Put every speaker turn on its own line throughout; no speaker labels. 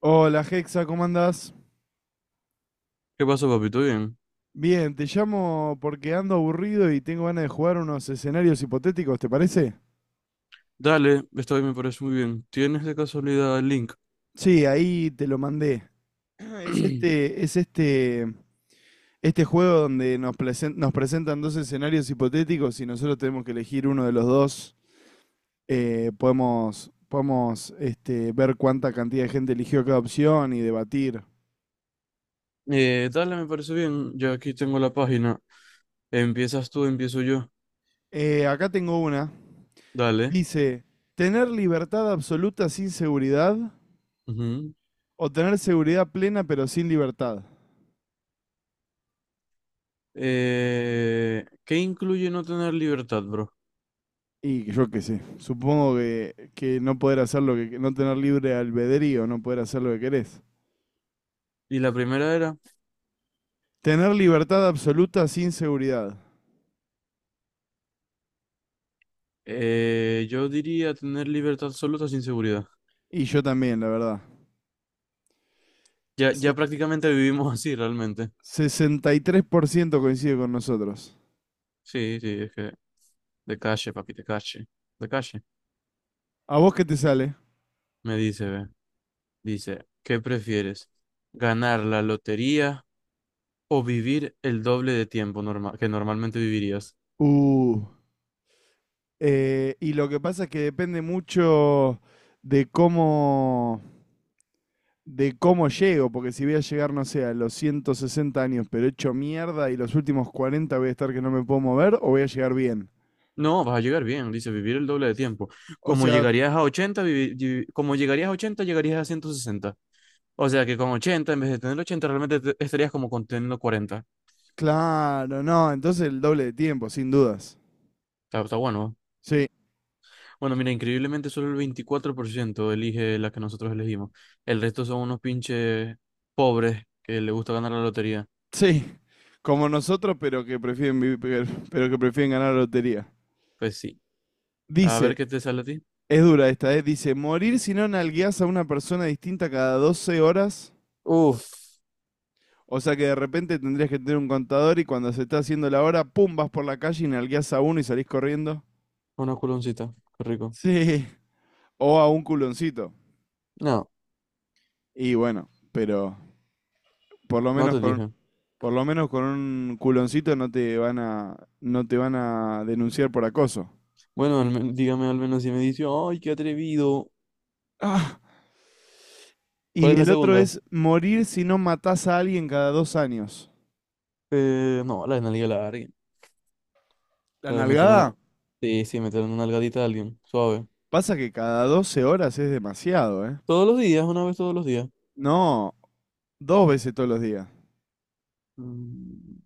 Hola Hexa, ¿cómo andás?
¿Qué pasó, papito? Bien.
Bien, te llamo porque ando aburrido y tengo ganas de jugar unos escenarios hipotéticos, ¿te parece?
Dale, esta vez me parece muy bien. ¿Tienes de casualidad el link?
Sí, ahí te lo mandé. Es este, es este, este juego donde nos presentan dos escenarios hipotéticos y nosotros tenemos que elegir uno de los dos. Podemos ver cuánta cantidad de gente eligió cada opción y debatir.
Dale, me parece bien. Ya aquí tengo la página. Empiezas tú, empiezo yo.
Acá tengo una.
Dale.
Dice, ¿tener libertad absoluta sin seguridad?
Ujú.
O tener seguridad plena pero sin libertad.
¿Qué incluye no tener libertad, bro?
Y yo qué sé, supongo que no poder hacer lo que, no tener libre albedrío, no poder hacer lo que querés.
Y la primera era,
Tener libertad absoluta sin seguridad.
yo diría tener libertad absoluta sin seguridad.
Y yo también, la verdad.
Ya, ya
Se-
prácticamente vivimos así, realmente.
Sesenta y tres por ciento coincide con nosotros.
Sí, sí, es que de calle, papi, de calle. De calle.
¿A vos qué te sale?
Me dice, ve. Dice, ¿qué prefieres? ¿Ganar la lotería? O vivir el doble de tiempo que normalmente vivirías.
Uh, y lo que pasa es que depende mucho de cómo, de cómo llego, porque si voy a llegar, no sé, a los 160 años, pero hecho mierda y los últimos 40 voy a estar que no me puedo mover, o voy a llegar bien.
No, vas a llegar bien, dice vivir el doble de tiempo.
O
Como
sea,
llegarías a 80 como llegarías a 80 llegarías a ciento sesenta. O sea que con 80 en vez de tener 80 realmente estarías como con teniendo 40.
claro, no, entonces el doble de tiempo, sin dudas.
Está, está bueno, ¿eh?
Sí,
Bueno, mira, increíblemente solo el 24% elige la que nosotros elegimos. El resto son unos pinches pobres que les gusta ganar la lotería.
sí, como nosotros, pero que prefieren ganar la lotería.
Pues sí. A ver
Dice,
qué te sale a ti.
es dura esta, ¿eh? Dice, morir si no nalgueas a una persona distinta cada 12 horas.
Uf,
O sea que de repente tendrías que tener un contador y cuando se está haciendo la hora, pum, vas por la calle y nalgueas a uno y salís corriendo.
una culoncita. Qué rico.
Sí. O a un culoncito.
No,
Y bueno, pero por lo
no
menos
te
con,
dije.
por lo menos con un culoncito no te van no te van a denunciar por acoso.
Bueno, dígame al menos si me dice, ay, qué atrevido.
Ah,
¿Cuál
y
es la
el otro
segunda?
es morir si no matás a alguien cada dos años.
No, la de nalga larga.
La
La de meterle una...
nalgada
Sí, sí, meterle una nalgadita a alguien. Suave.
pasa que cada 12 horas es demasiado, ¿eh?
Todos los días, una vez todos los días.
No, dos veces todos los días.
Mm,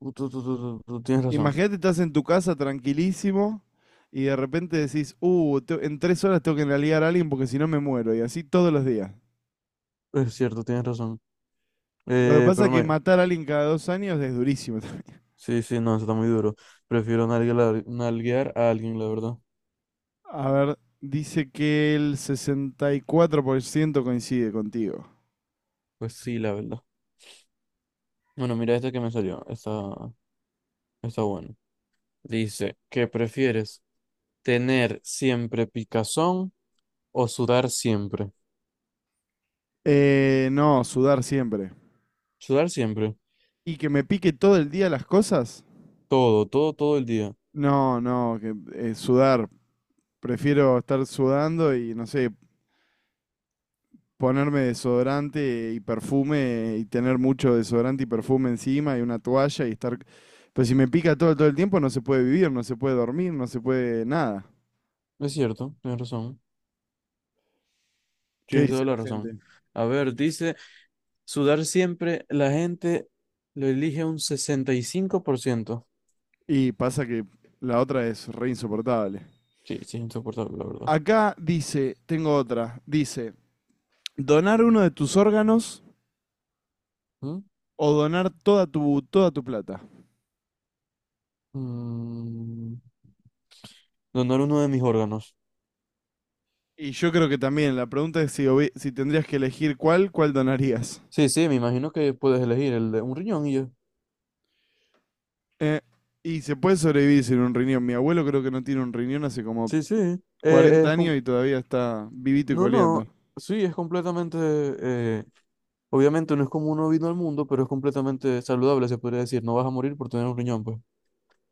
tú tienes razón.
Imagínate, estás en tu casa tranquilísimo y de repente decís, en tres horas tengo que nalgar a alguien porque si no me muero. Y así todos los días.
Es cierto, tienes razón.
Lo que pasa
Pero
es que
no.
matar a alguien cada dos años es durísimo también.
Sí, sí, no, eso está muy duro. Prefiero nalga nalguear a alguien, la verdad.
A ver, dice que el 64% coincide contigo.
Pues sí, la verdad. Bueno, mira esta que me salió. Está, está bueno. Dice, ¿qué prefieres? ¿Tener siempre picazón? O sudar siempre.
No, sudar siempre.
Sudar siempre.
¿Y que me pique todo el día las cosas?
Todo, todo, todo el día.
No, no, que sudar. Prefiero estar sudando y, no sé, ponerme desodorante y perfume y tener mucho desodorante y perfume encima y una toalla y estar... Pero si me pica todo, todo el tiempo no se puede vivir, no se puede dormir, no se puede nada.
Es cierto, tienes razón.
¿Qué
Tienes
dice
toda
la
la razón.
gente?
A ver, dice, sudar siempre, la gente lo elige un sesenta y cinco por ciento.
Y pasa que la otra es re insoportable.
Sí, sí, es insoportable, la verdad.
Acá dice, tengo otra, dice, donar uno de tus órganos
¿Mm?
o donar toda tu plata.
Mm, Donar uno de mis órganos.
Y yo creo que también, la pregunta es si, si tendrías que elegir cuál donarías.
Sí, sí, me imagino que puedes elegir el de un riñón y ya.
Eh, y se puede sobrevivir sin un riñón. Mi abuelo creo que no tiene un riñón hace como
Sí, sí. Eh,
40
es com-
años y todavía está vivito y
no,
coleando.
no. Sí, es completamente. Obviamente no es como uno vino al mundo, pero es completamente saludable, se podría decir. No vas a morir por tener un riñón, pues.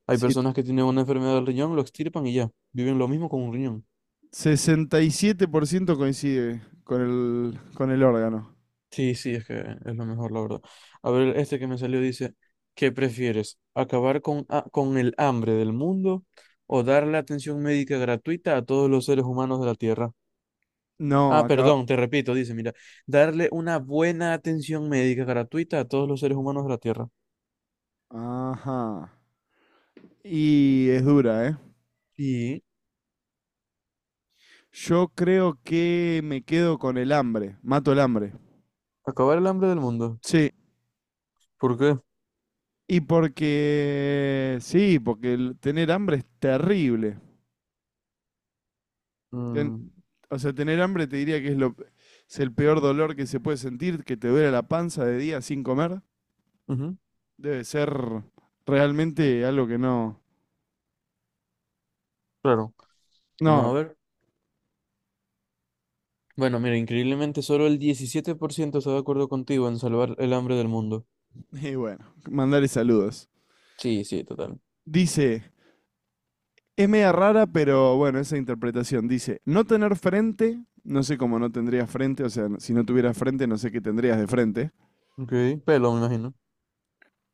Hay
Sí,
personas que tienen una enfermedad del riñón, lo extirpan y ya. Viven lo mismo con un riñón.
67% coincide con el órgano.
Sí, sí, es que es lo mejor, la verdad. A ver, este que me salió dice, ¿qué prefieres? ¿Acabar con el hambre del mundo o darle atención médica gratuita a todos los seres humanos de la Tierra?
No,
Ah,
acá...
perdón, te repito, dice, mira, darle una buena atención médica gratuita a todos los seres humanos de la Tierra.
Ajá. Y es dura, ¿eh?
Y
Yo creo que me quedo con el hambre, mato el hambre.
acabar el hambre del mundo.
Sí,
¿Por qué?
y porque, sí, porque el tener hambre es terrible. Ten-
Mm,
o sea, tener hambre te diría que es el peor dolor que se puede sentir, que te duele la panza de día sin comer.
ujú,
Debe ser realmente algo que no...
claro. Vamos
No,
a ver. Bueno, mira, increíblemente solo el 17% está de acuerdo contigo en salvar el hambre del mundo.
y bueno, mandarle saludos.
Sí, sí, total.
Dice, es media rara, pero bueno, esa interpretación dice, no tener frente, no sé cómo no tendrías frente, o sea, si no tuvieras frente, no sé qué tendrías de frente.
Ok, pelo, me imagino.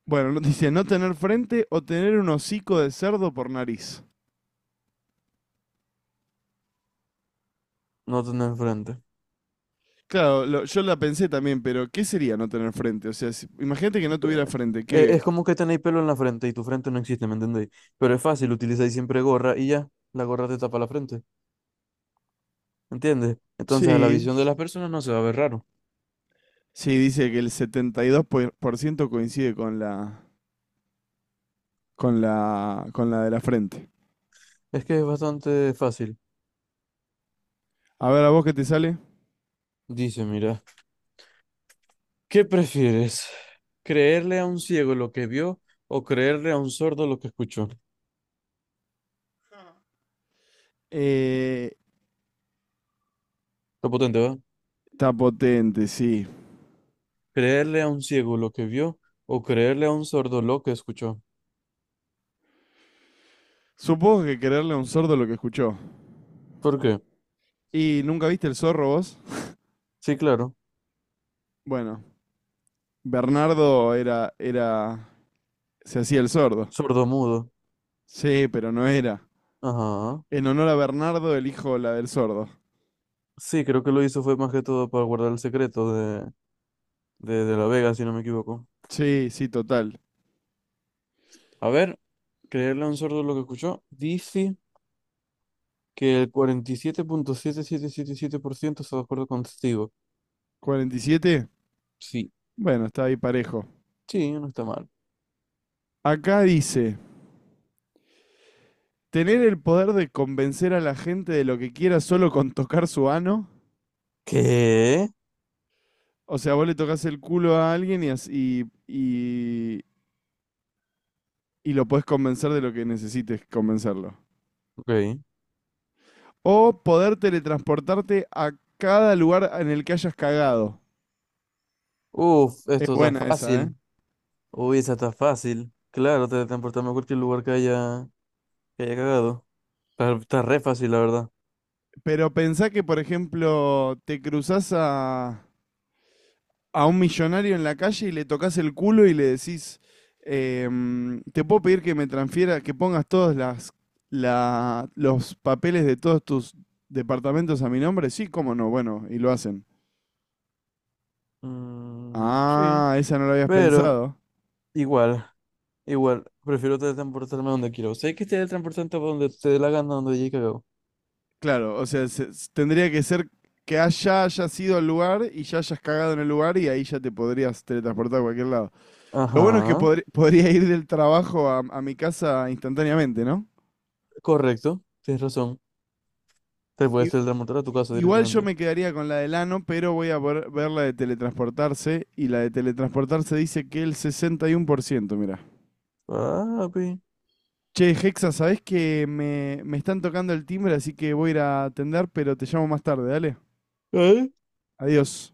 Bueno, dice, no tener frente o tener un hocico de cerdo por nariz.
No tenés frente.
Claro, yo la pensé también, pero ¿qué sería no tener frente? O sea, imagínate que no
Pe-
tuviera frente, ¿qué?
Es como que tenéis pelo en la frente y tu frente no existe, ¿me entendéis? Pero es fácil, utilizáis siempre gorra y ya, la gorra te tapa la frente, ¿entiendes? Entonces a la
Sí.
visión de las personas no se va a ver raro.
Sí, dice que el 72% coincide con la de la frente.
Es que es bastante fácil.
A ver, ¿a vos qué te sale?
Dice, mira, ¿qué prefieres? ¿Creerle a un ciego lo que vio o creerle a un sordo lo que escuchó?
Eh,
Lo potente, ¿verdad?
está potente, sí.
Creerle a un ciego lo que vio o creerle a un sordo lo que escuchó.
Supongo que quererle a un sordo lo que escuchó.
¿Por qué?
¿Y nunca viste el zorro vos?
Sí, claro.
Bueno, Bernardo era, era, se hacía el sordo.
Sordomudo.
Sí, pero no era.
Ajá.
En honor a Bernardo, elijo la del sordo.
Sí, creo que lo hizo fue más que todo para guardar el secreto de, de la Vega, si no me equivoco.
Sí, sí, total.
A ver, creerle a un sordo lo que escuchó. Dice que el cuarenta y siete punto siete siete siete siete por ciento está de acuerdo contigo.
¿47?
Sí.
Bueno, está ahí parejo.
Sí, no está mal.
Acá dice, ¿tener el poder de convencer a la gente de lo que quiera solo con tocar su ano?
¿Qué?
O sea, vos le tocas el culo a alguien y lo podés convencer de lo que necesites convencerlo.
Ok.
O poder teletransportarte a cada lugar en el que hayas cagado.
Uf,
Es
esto está
buena esa, ¿eh?
fácil. Uy, esa está fácil. Claro, te transportamos a cualquier lugar que haya. Que haya cagado. Está, está re fácil, la verdad.
Pero pensá que, por ejemplo, a un millonario en la calle y le tocas el culo y le decís, em, te puedo pedir que me transfiera, que pongas los papeles de todos tus departamentos a mi nombre. Sí, cómo no, bueno, y lo hacen.
Mm, sí,
Ah, esa no la habías
pero
pensado.
igual, igual. Prefiero teletransportarme a donde quiero. Sé que teletransportarte a donde te dé la gana, donde haya cagado.
Claro, o sea, tendría que ser hayas ido al lugar y ya hayas cagado en el lugar y ahí ya te podrías teletransportar a cualquier lado. Lo bueno es que
Ajá,
podría ir del trabajo a mi casa instantáneamente, ¿no?
correcto. Tienes razón. Te puedes
I-
teletransportar a tu casa
Igual yo
directamente.
me quedaría con la del ano, pero voy a ver, ver la de teletransportarse y la de teletransportarse dice que el 61%, mira.
Papi.
Che, Hexa, ¿sabés que me están tocando el timbre, así que voy a ir a atender, pero te llamo más tarde, dale. Adiós.